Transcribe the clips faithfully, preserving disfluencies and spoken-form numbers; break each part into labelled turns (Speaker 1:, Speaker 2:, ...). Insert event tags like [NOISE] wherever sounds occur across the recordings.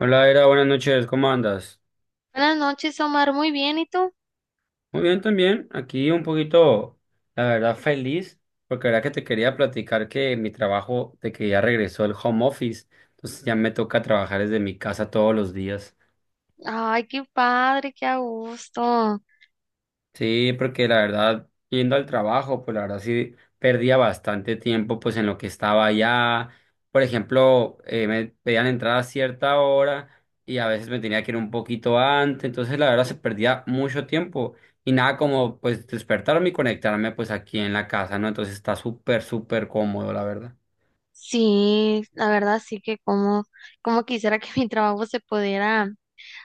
Speaker 1: Hola, Era, buenas noches, ¿cómo andas?
Speaker 2: Buenas noches, Omar. Muy bien, ¿y tú?
Speaker 1: Muy bien también, aquí un poquito, la verdad, feliz, porque la verdad que te quería platicar que mi trabajo, de que ya regresó el home office, entonces ya me toca trabajar desde mi casa todos los días.
Speaker 2: Ay, qué padre, qué a gusto.
Speaker 1: Sí, porque la verdad, yendo al trabajo, pues la verdad sí perdía bastante tiempo pues en lo que estaba allá. Por ejemplo, eh, me pedían entrar a cierta hora y a veces me tenía que ir un poquito antes, entonces la verdad se perdía mucho tiempo y nada como pues despertarme y conectarme pues aquí en la casa, ¿no? Entonces está súper, súper cómodo, la verdad.
Speaker 2: Sí, la verdad sí que como, como quisiera que [LAUGHS] mi trabajo se pudiera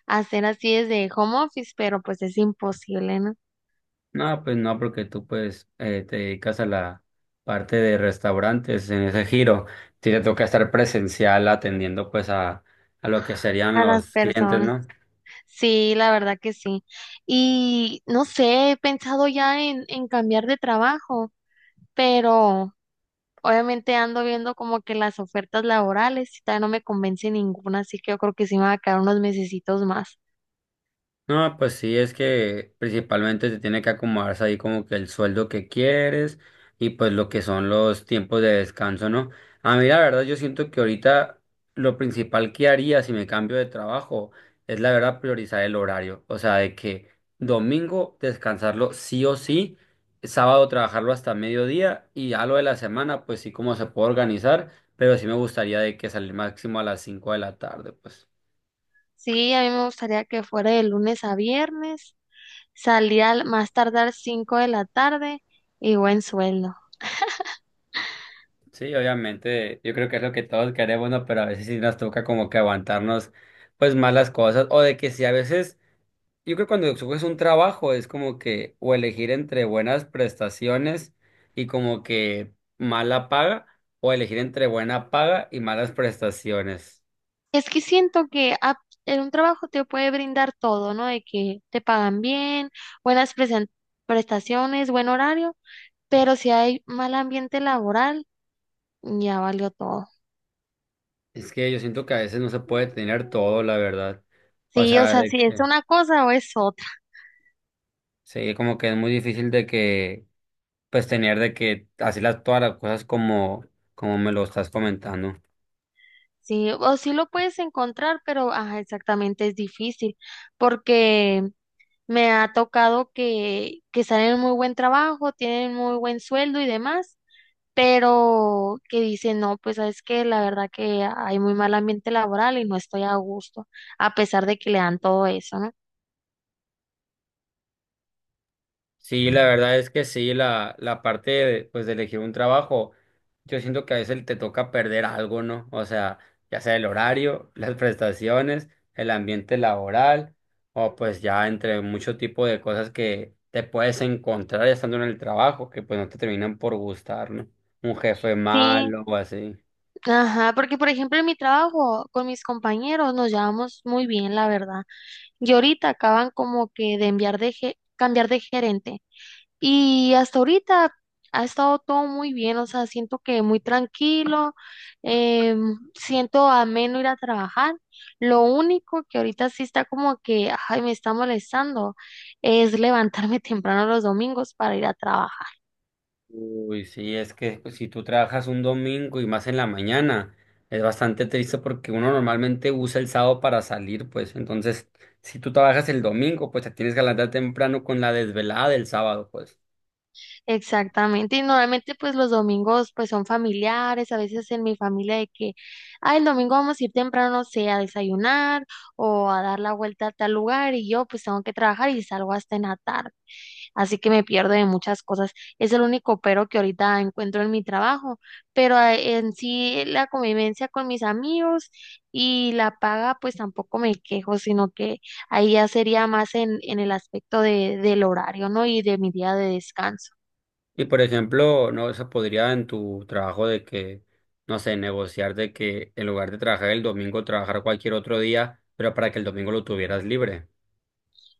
Speaker 2: hacer así desde home office, pero pues es imposible, ¿no?
Speaker 1: No, pues no, porque tú pues eh, te dedicas a la parte de restaurantes en ese giro. Sí, te toca estar presencial atendiendo pues a, a lo que serían
Speaker 2: A las
Speaker 1: los clientes,
Speaker 2: personas.
Speaker 1: ¿no?
Speaker 2: Sí, la verdad que sí. Y no sé, he pensado ya en, en cambiar de trabajo, pero obviamente ando viendo como que las ofertas laborales y todavía no me convence ninguna, así que yo creo que sí me va a quedar unos mesecitos más.
Speaker 1: No, pues sí, es que principalmente te tiene que acomodarse ahí como que el sueldo que quieres y pues lo que son los tiempos de descanso, ¿no? A mí la verdad yo siento que ahorita lo principal que haría si me cambio de trabajo es la verdad priorizar el horario, o sea, de que domingo descansarlo sí o sí, sábado trabajarlo hasta mediodía y ya lo de la semana pues sí como se puede organizar, pero sí me gustaría de que salir máximo a las cinco de la tarde, pues.
Speaker 2: Sí, a mí me gustaría que fuera de lunes a viernes, salía al más tardar cinco de la tarde y buen sueldo.
Speaker 1: Sí, obviamente, yo creo que es lo que todos queremos, ¿no? Pero a veces sí nos toca como que aguantarnos, pues, malas cosas, o de que si a veces, yo creo que cuando escoges un trabajo es como que, o elegir entre buenas prestaciones y como que mala paga, o elegir entre buena paga y malas prestaciones.
Speaker 2: Es que siento que ap- en un trabajo te puede brindar todo, ¿no? De que te pagan bien, buenas presen- prestaciones, buen horario, pero si hay mal ambiente laboral, ya valió todo.
Speaker 1: Es que yo siento que a veces no se puede tener todo, la verdad. O
Speaker 2: Sí, o
Speaker 1: sea,
Speaker 2: sea,
Speaker 1: de
Speaker 2: si es
Speaker 1: que,
Speaker 2: una cosa o es otra.
Speaker 1: sí, como que es muy difícil de que, pues, tener de que, así las, todas las cosas como, como me lo estás comentando.
Speaker 2: Sí, o sí lo puedes encontrar, pero ajá, exactamente es difícil porque me ha tocado que, que están en muy buen trabajo, tienen muy buen sueldo y demás, pero que dicen, no, pues sabes que la verdad que hay muy mal ambiente laboral y no estoy a gusto, a pesar de que le dan todo eso, ¿no?
Speaker 1: Sí, la verdad es que sí, la, la parte de, pues, de elegir un trabajo, yo siento que a veces te toca perder algo, ¿no? O sea, ya sea el horario, [LAUGHS] las prestaciones, el ambiente laboral, o pues ya entre mucho tipo de cosas que te puedes encontrar estando en el trabajo, que pues no te terminan por gustar, ¿no? Un jefe
Speaker 2: Sí,
Speaker 1: malo o así.
Speaker 2: ajá, porque por ejemplo en mi trabajo con mis compañeros nos llevamos muy bien, la verdad. Y ahorita acaban como que de enviar de ge- cambiar de gerente. Y hasta ahorita ha estado todo muy bien, o sea, siento que muy tranquilo, eh, siento ameno ir a trabajar. Lo único que ahorita sí está como que, ay, me está molestando, es levantarme [LAUGHS] temprano los domingos para ir a trabajar.
Speaker 1: Uy, sí, es que pues, si tú trabajas un domingo y más en la mañana, es bastante triste porque uno normalmente usa el sábado para salir, pues entonces si tú trabajas el domingo, pues te tienes que levantar temprano con la desvelada del sábado, pues.
Speaker 2: Exactamente, y normalmente pues los domingos pues son familiares, a veces en mi familia de que, ah, el domingo vamos a ir temprano, no sé, a desayunar o a dar la vuelta a tal lugar y yo pues tengo que trabajar y salgo hasta en la tarde, así que me pierdo de muchas cosas, es el único pero que ahorita encuentro en mi trabajo, pero ah, en sí la convivencia con mis amigos y la paga pues tampoco me quejo, sino que ahí ya sería más en, en el aspecto de, del horario, ¿no? Y de mi día de descanso.
Speaker 1: Y por ejemplo, no se podría en tu trabajo de que, no sé, negociar de que en lugar de trabajar el domingo, trabajar cualquier otro día, pero para que el domingo lo tuvieras libre.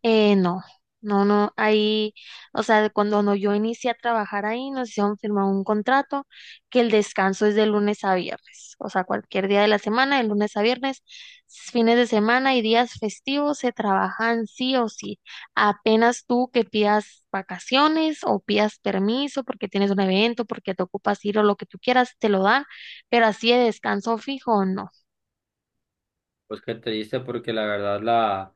Speaker 2: Eh, no, no, no, ahí, o sea, de cuando no, yo inicié a trabajar ahí, nos hicieron firmar un contrato que el descanso es de lunes a viernes, o sea, cualquier día de la semana, de lunes a viernes, fines de semana y días festivos se trabajan sí o sí. Apenas tú que pidas vacaciones o pidas permiso porque tienes un evento, porque te ocupas ir o lo que tú quieras, te lo dan, pero así de descanso fijo, no.
Speaker 1: Pues qué dice porque la verdad la...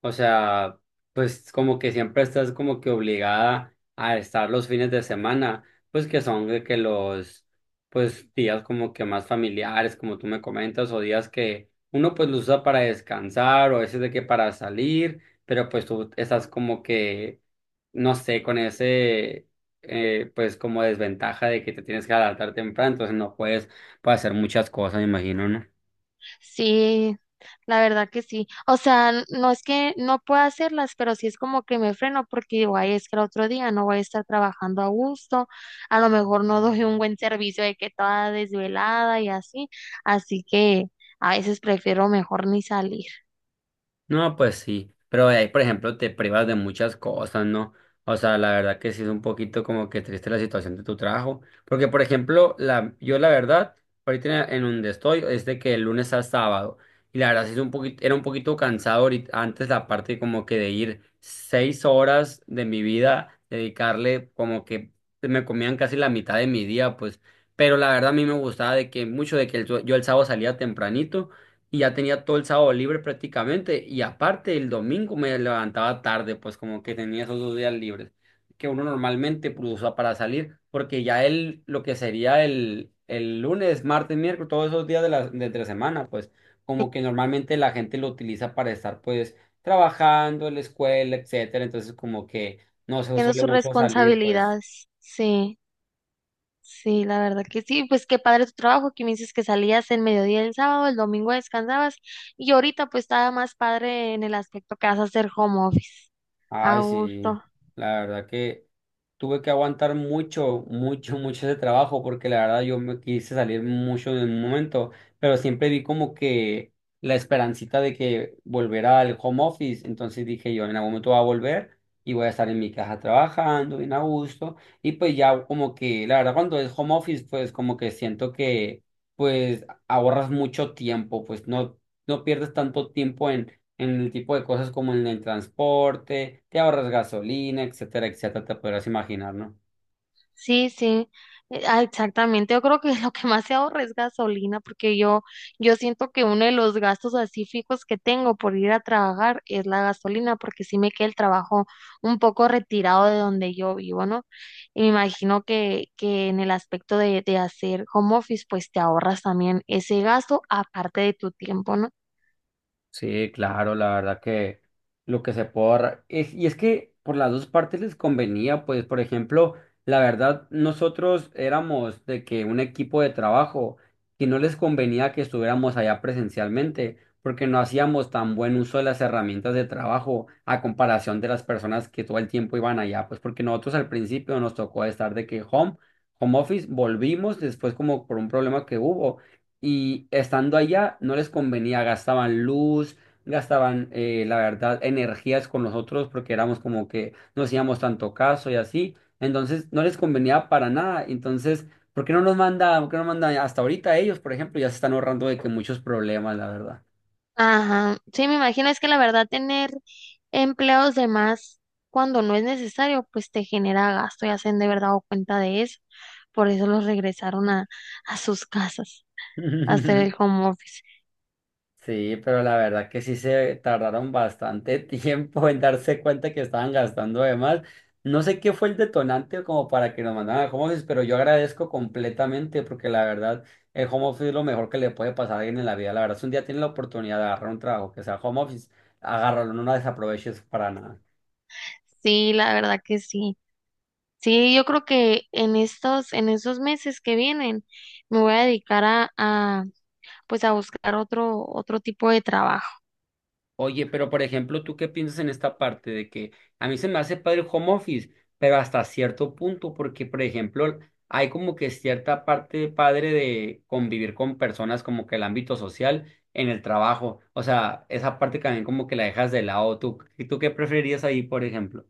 Speaker 1: O sea, pues como que siempre estás como que obligada a estar los fines de semana, pues que son de que los pues días como que más familiares, como tú me comentas, o días que uno pues los usa para descansar, o a veces de que para salir, pero pues tú estás como que, no sé, con ese eh, pues como desventaja de que te tienes que adaptar temprano, entonces no puedes, puedes hacer muchas cosas, me imagino, ¿no?
Speaker 2: Sí, la verdad que sí. O sea, n- no es que no pueda hacerlas, pero sí es como que me freno porque digo, ay, es que el otro día no voy a estar trabajando a gusto, a lo mejor no [LAUGHS] doy un buen servicio de que toda desvelada y así. Así que a veces prefiero mejor ni salir.
Speaker 1: No, pues sí, pero de ahí, por ejemplo, te privas de muchas cosas, ¿no? O sea, la verdad que sí es un poquito como que triste la situación de tu trabajo, porque, por ejemplo, la, yo la verdad, ahorita en en donde estoy, es de que el lunes a sábado, y la verdad sí es un poquito, era un poquito cansado ahorit- antes la parte como que de ir seis horas de mi vida, dedicarle como que me comían casi la mitad de mi día, pues, pero la verdad a mí me gustaba de que mucho de que el- sue- yo el sábado salía tempranito y ya tenía todo el sábado libre prácticamente y aparte el domingo me levantaba tarde, pues como que tenía esos dos días libres que uno normalmente pues, usa para salir, porque ya el, lo que sería el, el lunes, martes, miércoles, todos esos días de la, de entre semana, pues como que normalmente la gente lo utiliza para estar pues trabajando en la escuela, etcétera, entonces como que no se
Speaker 2: Tiene
Speaker 1: suele
Speaker 2: sus
Speaker 1: mucho salir, pues.
Speaker 2: responsabilidades. Sí, sí, la verdad que sí. Pues qué padre tu trabajo, que me dices que salías el mediodía del sábado, el domingo descansabas y ahorita pues estaba más padre en el aspecto que vas a hacer home office. A
Speaker 1: Ay, sí,
Speaker 2: gusto.
Speaker 1: la verdad que tuve que aguantar mucho, mucho, [LAUGHS] mucho ese trabajo porque la verdad yo me quise salir mucho de un momento, pero siempre vi como que la esperancita de que volverá al home office, entonces dije yo en algún momento va a volver y voy a estar en mi casa trabajando bien a gusto y pues ya como que la verdad cuando es home office pues como que siento que pues ahorras mucho tiempo, pues no, no pierdes tanto tiempo en el tipo de cosas como en el transporte, te ahorras gasolina, etcétera, etcétera, te podrás imaginar, ¿no?
Speaker 2: Sí, sí, eh, ah, exactamente. Yo creo que [LAUGHS] lo que más se ahorra es gasolina, porque yo, yo siento que uno de los gastos así fijos que tengo por ir a trabajar es la gasolina, porque sí me queda el trabajo un poco retirado de donde yo vivo, ¿no? Y me imagino que, que en el aspecto de, de hacer home office, pues te ahorras también ese gasto aparte de tu tiempo, ¿no?
Speaker 1: Sí, claro, la verdad que lo que se puede ahorrar. Es, y es que por las dos partes les convenía, pues, por ejemplo, la verdad, nosotros éramos de que un equipo de trabajo que no les convenía que estuviéramos allá presencialmente, porque no hacíamos tan buen uso de las herramientas de trabajo a comparación de las personas que todo el tiempo iban allá, pues, porque nosotros al principio nos tocó estar de que home, home office, volvimos después como por un problema que hubo y estando allá no les convenía, gastaban luz, gastaban, eh, la verdad, energías con nosotros porque éramos como que no hacíamos tanto caso y así. Entonces no les convenía para nada. Entonces, ¿por qué no nos manda, ¿por qué no mandan hasta ahorita ellos? Por ejemplo, ya se están ahorrando de que muchos problemas, la verdad.
Speaker 2: Ajá, sí, me imagino, es que la verdad tener empleados de más cuando no es necesario, pues te genera gasto y hacen de verdad o cuenta de eso. Por eso los regresaron a, a sus casas a hacer el
Speaker 1: [LAUGHS]
Speaker 2: home office.
Speaker 1: Sí, pero la verdad que sí se tardaron bastante [LAUGHS] tiempo en darse cuenta que estaban gastando de más. No sé qué fue el detonante como para que nos mandaran al home office, pero yo agradezco completamente porque la verdad el home office es lo mejor que le puede pasar a alguien en la vida. La verdad, si un día tienen la oportunidad de agarrar un trabajo que sea home office, agárralo, no la desaproveches para nada.
Speaker 2: Sí, la verdad que sí. Sí, yo creo que en estos, en esos meses que vienen, me voy a dedicar a, a pues a buscar otro, otro tipo de trabajo.
Speaker 1: Oye, pero por ejemplo, ¿tú qué piensas en esta parte de que a mí se me hace padre el home office, pero hasta cierto punto? Porque por ejemplo, hay como que cierta parte padre de convivir con personas como que el ámbito social en el trabajo, o sea, esa parte también como que la dejas de lado. ¿Tú, tú qué preferirías ahí, por ejemplo?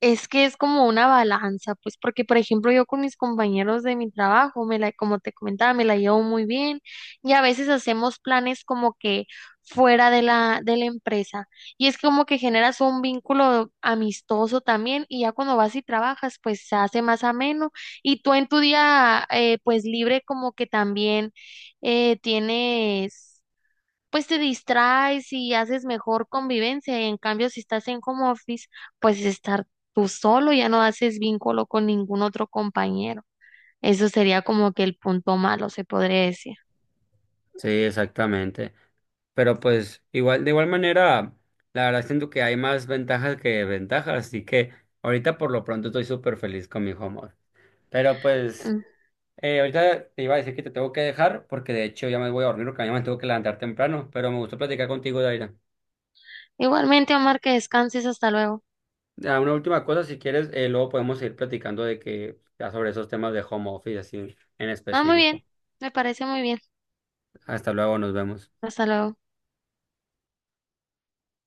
Speaker 2: Es que es como una balanza, pues porque por ejemplo yo con mis compañeros de mi trabajo, me la, como te comentaba, me la llevo muy bien y a veces hacemos planes como que fuera de la, de la empresa y es como que generas un vínculo amistoso también y ya cuando vas y trabajas pues se hace más ameno y tú en tu día eh, pues libre como que también eh, tienes pues te distraes y haces mejor convivencia. Y en cambio, si estás en home office, pues estar tú solo, ya no haces vínculo con ningún otro compañero. Eso sería como que el punto malo, se podría decir.
Speaker 1: Sí, exactamente. Pero pues igual, de igual manera, la verdad siento que hay más ventajas que ventajas, así que ahorita por lo pronto estoy súper feliz con mi home office. Pero pues...
Speaker 2: Mm.
Speaker 1: Eh, ahorita te iba a decir que te tengo que dejar porque de hecho ya me voy a dormir porque mañana me tengo que levantar temprano, pero me gustó platicar contigo, Daira.
Speaker 2: Igualmente, Omar, que descanses, hasta luego.
Speaker 1: Ah, una última cosa, si quieres, eh, luego podemos seguir platicando de que ya sobre esos temas de home office así en
Speaker 2: Ah, muy bien,
Speaker 1: específico.
Speaker 2: me parece muy bien.
Speaker 1: Hasta luego, nos vemos.
Speaker 2: Hasta luego.